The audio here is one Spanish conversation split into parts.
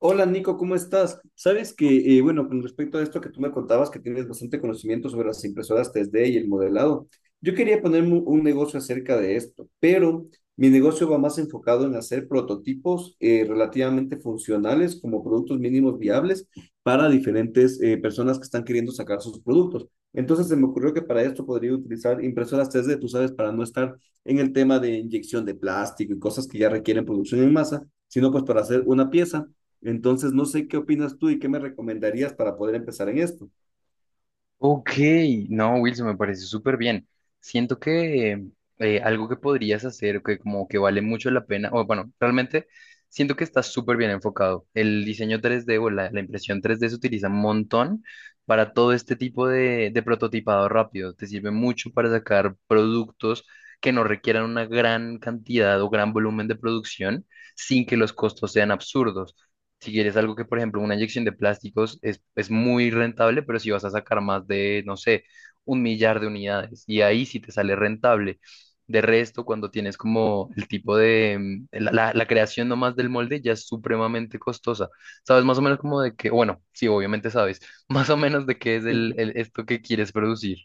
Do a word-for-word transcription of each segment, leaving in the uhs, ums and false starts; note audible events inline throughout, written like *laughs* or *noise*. Hola Nico, ¿cómo estás? Sabes que, eh, bueno, con respecto a esto que tú me contabas, que tienes bastante conocimiento sobre las impresoras tres D y el modelado, yo quería ponerme un un negocio acerca de esto, pero mi negocio va más enfocado en hacer prototipos eh, relativamente funcionales como productos mínimos viables para diferentes eh, personas que están queriendo sacar sus productos. Entonces se me ocurrió que para esto podría utilizar impresoras tres D, tú sabes, para no estar en el tema de inyección de plástico y cosas que ya requieren producción en masa, sino pues para hacer una pieza. Entonces, no sé qué opinas tú y qué me recomendarías para poder empezar en esto. Ok, no, Wilson, me parece súper bien. Siento que eh, algo que podrías hacer, que como que vale mucho la pena, o bueno, realmente siento que estás súper bien enfocado. El diseño tres D o la, la impresión tres D se utiliza un montón para todo este tipo de, de prototipado rápido. Te sirve mucho para sacar productos que no requieran una gran cantidad o gran volumen de producción sin que los costos sean absurdos. Si quieres algo que, por ejemplo, una inyección de plásticos es, es muy rentable, pero si vas a sacar más de, no sé, un millar de unidades, y ahí sí te sale rentable. De resto, cuando tienes como el tipo de, mm, la, la- la creación nomás del molde ya es supremamente costosa. ¿Sabes más o menos como de qué? Bueno, sí, obviamente sabes, *laughs* más o menos de qué es el, el- esto que quieres producir.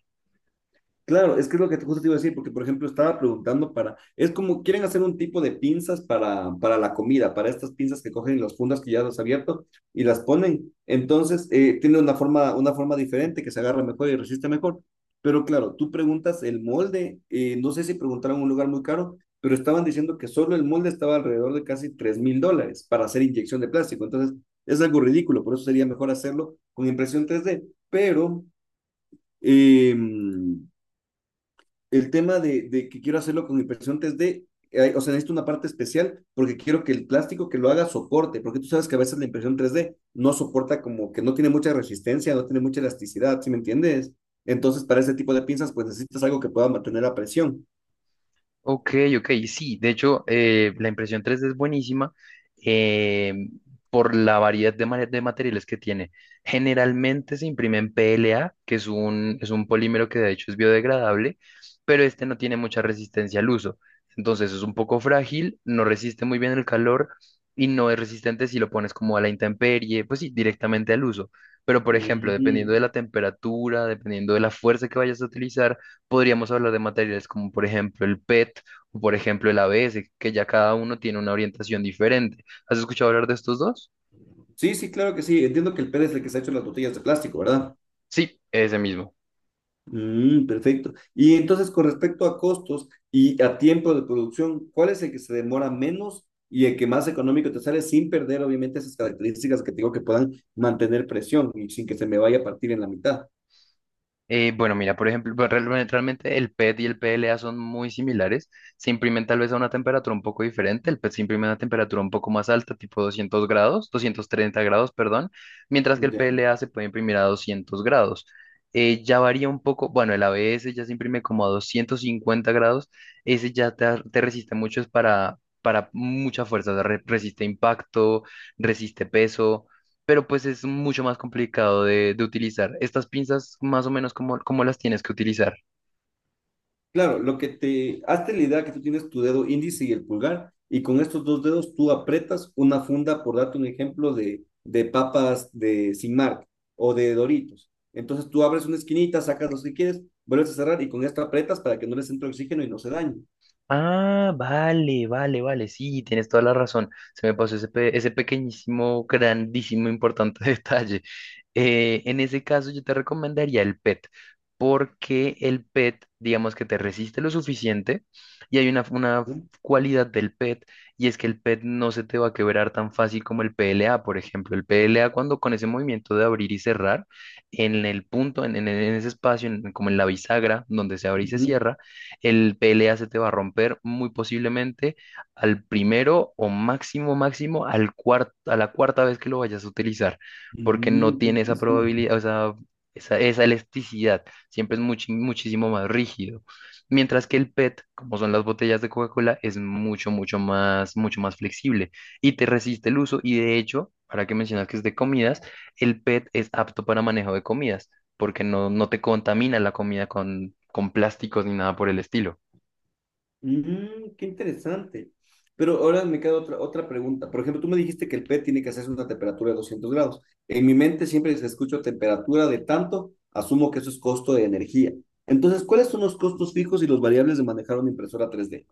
Claro, es que es lo que te- justo te iba a decir, porque por ejemplo estaba preguntando para, es como quieren hacer un tipo de pinzas para, para la comida, para estas pinzas que cogen las fundas que ya las has abierto y las ponen. Entonces eh, tiene una forma, una forma diferente que se agarra mejor y resiste mejor, pero claro, tú preguntas el molde, eh, no sé si preguntaron un lugar muy caro, pero estaban diciendo que solo el molde estaba alrededor de casi tres mil dólares para hacer inyección de plástico, entonces es algo ridículo. Por eso sería mejor hacerlo con impresión tres d, pero... em, el tema de, de que quiero hacerlo con impresión tres d, eh, o sea, necesito una parte especial porque quiero que el plástico que lo haga soporte, porque tú sabes que a veces la impresión tres d no soporta, como que no tiene mucha resistencia, no tiene mucha elasticidad. ¿Sí me entiendes? Entonces, para ese tipo de pinzas, pues necesitas algo que pueda mantener la presión. Ok, ok, sí, de hecho eh, la impresión tres D es buenísima eh, por la variedad de, mare- de materiales que tiene. Generalmente se imprime en P L A, que es un, es un polímero que de hecho es biodegradable, pero este no tiene mucha resistencia al uso. Entonces es un poco frágil, no resiste muy bien el calor y no es resistente si lo pones como a la intemperie, pues sí, directamente al uso. Pero por ejemplo, dependiendo Mm. de la temperatura, dependiendo de la fuerza que vayas a utilizar, podríamos hablar de materiales como por ejemplo el P E T o por ejemplo el A B S, que ya cada uno tiene una orientación diferente. ¿Has escuchado hablar de estos dos? Sí, sí, claro que sí. Entiendo que el P E D es el que se ha hecho las botellas de plástico, ¿verdad? Sí, ese mismo. Mm, perfecto. Y entonces, con respecto a costos y a tiempo de producción, ¿cuál es el que se demora menos y el que más económico te sale sin perder, obviamente, esas características que te digo que puedan mantener presión y sin que se me vaya a partir en la mitad? Eh, bueno, mira, por ejemplo, pues, realme- realmente el P E T y el P L A son muy similares. Se imprimen tal vez a una temperatura un poco diferente. El P E T se imprime a una temperatura un poco más alta, tipo doscientos grados, doscientos treinta grados, perdón, mientras que el Ya. P L A se puede imprimir a doscientos grados. Eh, ya varía un poco, bueno, el A B S ya se imprime como a doscientos cincuenta grados. Ese ya te, ar- te resiste mucho, es para, para mucha fuerza, o sea, re- resiste impacto, resiste peso, pero pues es mucho más complicado de, de utilizar. Estas pinzas, más o menos, cómo cómo las tienes que utilizar? Claro, lo que te, hazte la idea que tú tienes tu dedo índice y el pulgar, y con estos dos dedos tú aprietas una funda, por darte un ejemplo, de, de papas de Sin Marca o de Doritos. Entonces tú abres una esquinita, sacas los que quieres, vuelves a cerrar y con esto aprietas para que no les entre oxígeno y no se dañe, Ah, vale, vale, vale, sí, tienes toda la razón. Se me pasó ese, pe- ese pequeñísimo, grandísimo, importante *laughs* detalle. Eh, en ese caso, yo te recomendaría el P E T, porque el P E T, digamos que te resiste lo suficiente y hay una, una ¿no? cualidad del P E T, y es que el P E T no se te va a quebrar tan fácil como el P L A, por ejemplo. El P L A, cuando con ese movimiento de abrir y cerrar, en el punto, en, en- en ese espacio, en- como en la bisagra, donde se abre y se Ujú. cierra, el P L A se te va a romper muy posiblemente al primero o máximo, máximo al cuar- a la cuarta vez que lo vayas a utilizar, porque no Mm, qué tiene esa interesante. probabilidad, o sea, esa, esa elasticidad. Siempre es muchi- muchísimo más rígido. Mientras que el P E T, como son las botellas de Coca-Cola, es mucho, mucho más, mucho más flexible y te resiste el uso. Y de hecho, para que mencionas que es de comidas, el P E T es apto para manejo de comidas porque no, no te contamina la comida con, con plásticos ni nada por el estilo. Mm, qué interesante. Pero ahora me queda otra, otra pregunta. Por ejemplo, tú me dijiste que el P E T tiene que hacerse una temperatura de doscientos grados. En mi mente siempre se escucha temperatura de tanto, asumo que eso es costo de energía. Entonces, ¿cuáles son los costos fijos y los variables de manejar una impresora tres d?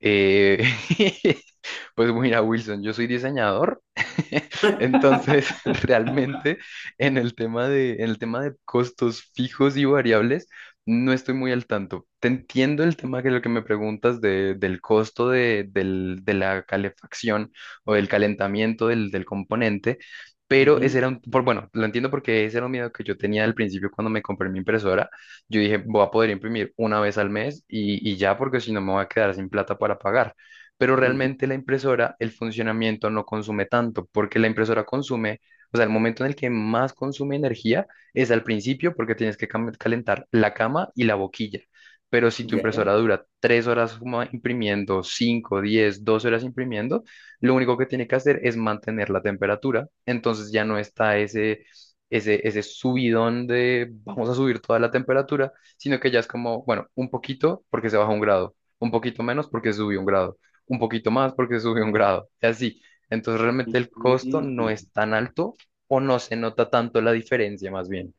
Eh, *laughs* pues mira, Wilson, yo soy diseñador, *laughs* entonces *laughs* realmente en el tema de, en el tema de costos fijos y variables no estoy muy al tanto. Te entiendo el tema que lo que me preguntas de, del costo de, del- de la calefacción o del calentamiento del, del componente, pero ese Ujú, era un, por, bueno, lo entiendo porque ese era un miedo que yo tenía al principio cuando me compré mi impresora. Yo dije, voy a poder imprimir una vez al mes y, y ya, porque si no me voy a quedar sin plata para pagar. Pero ujú, realmente la impresora, el funcionamiento no consume tanto, porque la impresora consume, o sea, el momento en el que más consume energía es al principio, porque tienes que cam- calentar la cama y la boquilla. Pero si tu ya. impresora dura tres horas como imprimiendo, cinco, diez, doce horas imprimiendo, lo único que tiene que hacer es mantener la temperatura. Entonces ya no está ese, ese, ese subidón de vamos a subir toda la temperatura, sino que ya es como, bueno, un poquito porque se baja un grado, un poquito menos porque subió un grado, un poquito más porque subió un grado, y así. Entonces realmente el costo Mm. no es tan alto o no se nota tanto la diferencia más bien.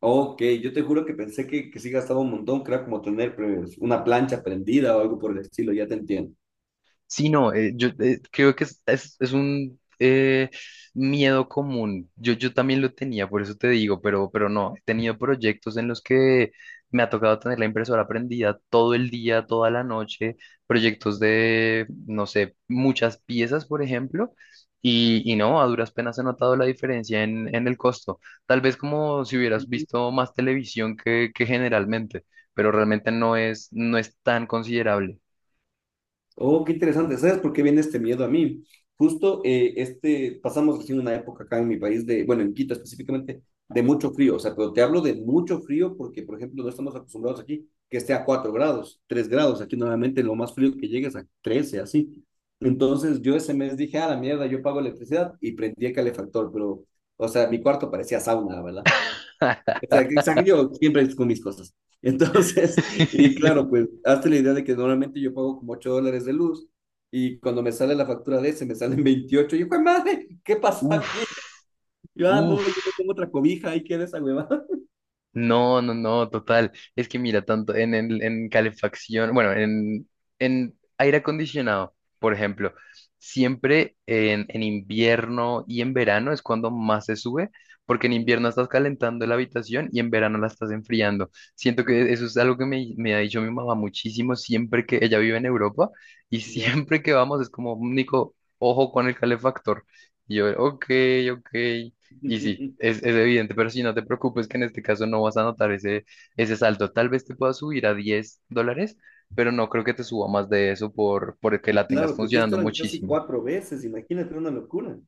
Ok, yo te juro que pensé que, que sí gastaba un montón, que era como tener pues, una plancha prendida o algo por el estilo, ya te entiendo. Sí, no, eh, yo eh, creo que es, es- es un eh, miedo común. Yo, yo también lo tenía, por eso te digo, pero, pero no, he tenido proyectos en los que me ha tocado tener la impresora prendida todo el día, toda la noche, proyectos de, no sé, muchas piezas, por ejemplo, y, y no, a duras penas he notado la diferencia en, en el costo. Tal vez como si hubieras visto más televisión que, que generalmente, pero realmente no es, no es tan considerable. Oh, qué interesante. ¿Sabes por qué viene este miedo a mí? Justo eh, este, pasamos recién una época acá en mi país de, bueno, en Quito específicamente, de mucho frío. O sea, pero te hablo de mucho frío porque, por ejemplo, no estamos acostumbrados aquí que esté a cuatro grados, tres grados. Aquí normalmente lo más frío que llega es a trece, así. Entonces yo ese mes dije, a la mierda, yo pago electricidad y prendí el calefactor, pero, o sea, mi cuarto parecía sauna, ¿verdad? O sea, que- o yo siempre con mis cosas. Entonces, *laughs* y *laughs* claro, pues hazte la idea de que normalmente yo pago como ocho dólares de luz, y cuando me sale la factura de ese me salen *laughs* veintiocho. Y yo, "Jue madre, ¿qué pasó aquí?" Uf, Yo, ah, no, uf. yo me pongo otra cobija, ahí queda esa huevada. *laughs* No, no, no, total. Es que mira, tanto en, el- en calefacción, bueno, en, en aire acondicionado, por ejemplo, siempre en, en invierno y en verano es cuando más se sube, porque en Mm, invierno estás calentando la habitación y en verano la estás enfriando. Siento mm. que eso es algo que me, me ha dicho mi mamá muchísimo siempre que ella vive en Europa, y *laughs* Ya. siempre que vamos es como, Nico, ojo con el calefactor. Y yo, ok, ok. Y sí, *laughs* es, es evidente, pero sí, no te preocupes que en este caso no vas a notar ese, ese salto. Tal vez te pueda subir a diez dólares, pero no creo que te suba más de eso por, por que la tengas Claro, porque esto funcionando eran casi muchísimo. cuatro veces, imagínate, una locura.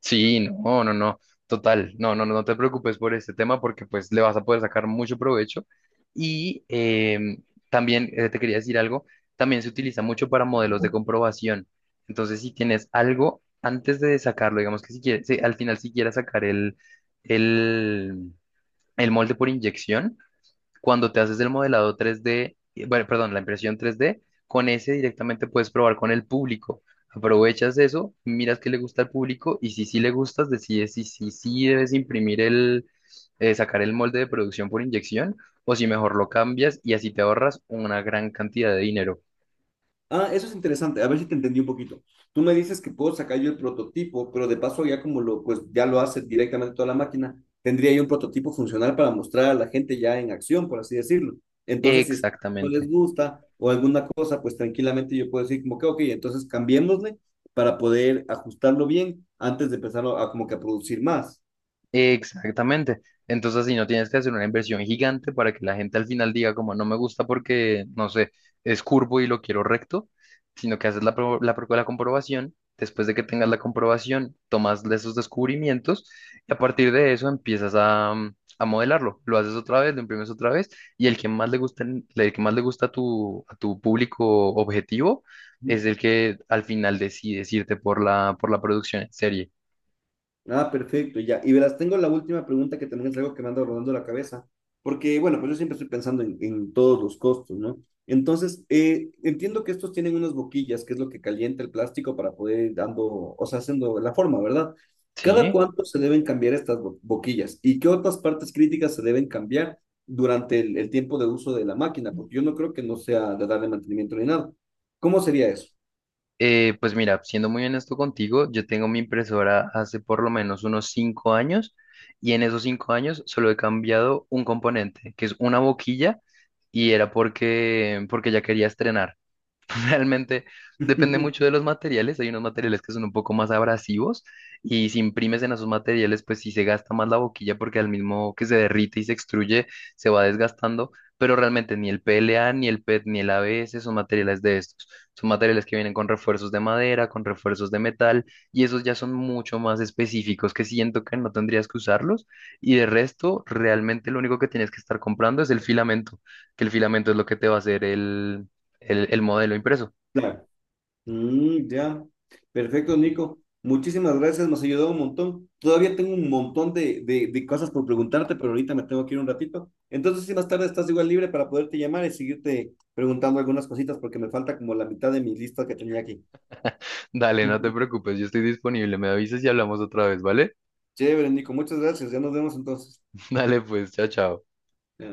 Sí, no, no, no, total, no, no, no no te preocupes por este tema porque pues le vas a poder sacar mucho provecho. Y em, también eh, te quería decir algo, también se utiliza mucho para modelos de comprobación. Entonces, si tienes algo antes de sacarlo, digamos que si quieres, si al final si quieres sacar el... el el molde por inyección, cuando te haces el modelado tres D, eh, bueno, perdón, la impresión tres D, con ese directamente puedes probar con el público. Aprovechas eso, miras qué le gusta al público y si sí le gustas, decides si sí sí debes imprimir el, eh, sacar el molde de producción por inyección o si mejor lo cambias, y así te ahorras una gran cantidad de dinero. Ah, eso es interesante. A ver si te entendí un poquito. Tú me dices que puedo sacar yo el prototipo, pero de paso ya como lo, pues ya lo hace directamente toda la máquina, tendría yo un prototipo funcional para mostrar a la gente ya en acción, por así decirlo. Entonces, si es que no les Exactamente. gusta o alguna cosa, pues tranquilamente yo puedo decir como que, ok, entonces cambiémosle para poder ajustarlo bien antes de empezar a, a como que a producir más. Exactamente. Entonces, si no tienes que hacer una inversión gigante para que la gente al final diga como no me gusta porque, no sé, es curvo y lo quiero recto, sino que haces la, pro- la, pro- la comprobación, después de que tengas la comprobación, tomas de esos descubrimientos y a partir de eso empiezas a, mm, a modelarlo. Lo haces otra vez, lo imprimes otra vez, y el que más le gusta, el el que más le gusta a tu, a tu público objetivo es el que al final decide irte por la, por la producción en serie. Ah, perfecto, ya. Y verás, tengo la última pregunta que también es algo que me anda rodando la cabeza, porque bueno, pues yo siempre estoy pensando en, en todos los costos, ¿no? Entonces, eh, entiendo que estos tienen unas boquillas, que es lo que calienta el plástico para poder ir dando, o sea, haciendo la forma, ¿verdad? ¿Cada Sí. cuánto se deben cambiar estas bo- boquillas? ¿Y qué otras partes críticas se deben cambiar durante el, el tiempo de uso de la máquina? Porque yo no creo que no sea de darle mantenimiento ni nada. ¿Cómo sería eso? Eh, pues mira, siendo muy honesto contigo, yo tengo mi impresora hace por lo menos unos cinco años, y en esos cinco años solo he cambiado un componente, que es una boquilla, y era porque, porque ya quería estrenar. *laughs* Realmente depende mucho *laughs* de los materiales. Hay unos materiales que son un poco más abrasivos y si imprimes en esos materiales, pues sí se gasta más la boquilla porque al mismo que se derrite y se extruye, se va desgastando. Pero realmente ni el P L A, ni el P E T, ni el A B S son materiales de estos. Son materiales que vienen con refuerzos de madera, con refuerzos de metal, y esos ya son mucho más específicos que siento que no tendrías que usarlos. Y de resto, realmente lo único que tienes que estar comprando es el filamento, que el filamento es lo que te va a hacer el el, el modelo impreso. Claro. Mm, ya. Perfecto, Nico. Muchísimas gracias, nos ayudó un montón. Todavía tengo un montón de, de, de, cosas por preguntarte, pero ahorita me tengo que ir un ratito. Entonces, si más tarde estás igual libre para poderte llamar y seguirte preguntando algunas cositas, porque me falta como la mitad de mi lista que tenía aquí. Dale, no te *laughs* preocupes, yo estoy disponible. Me avisas y hablamos otra vez, ¿vale? Chévere, Nico, muchas gracias. Ya nos vemos entonces. *laughs* Dale, pues, chao, chao. Ya.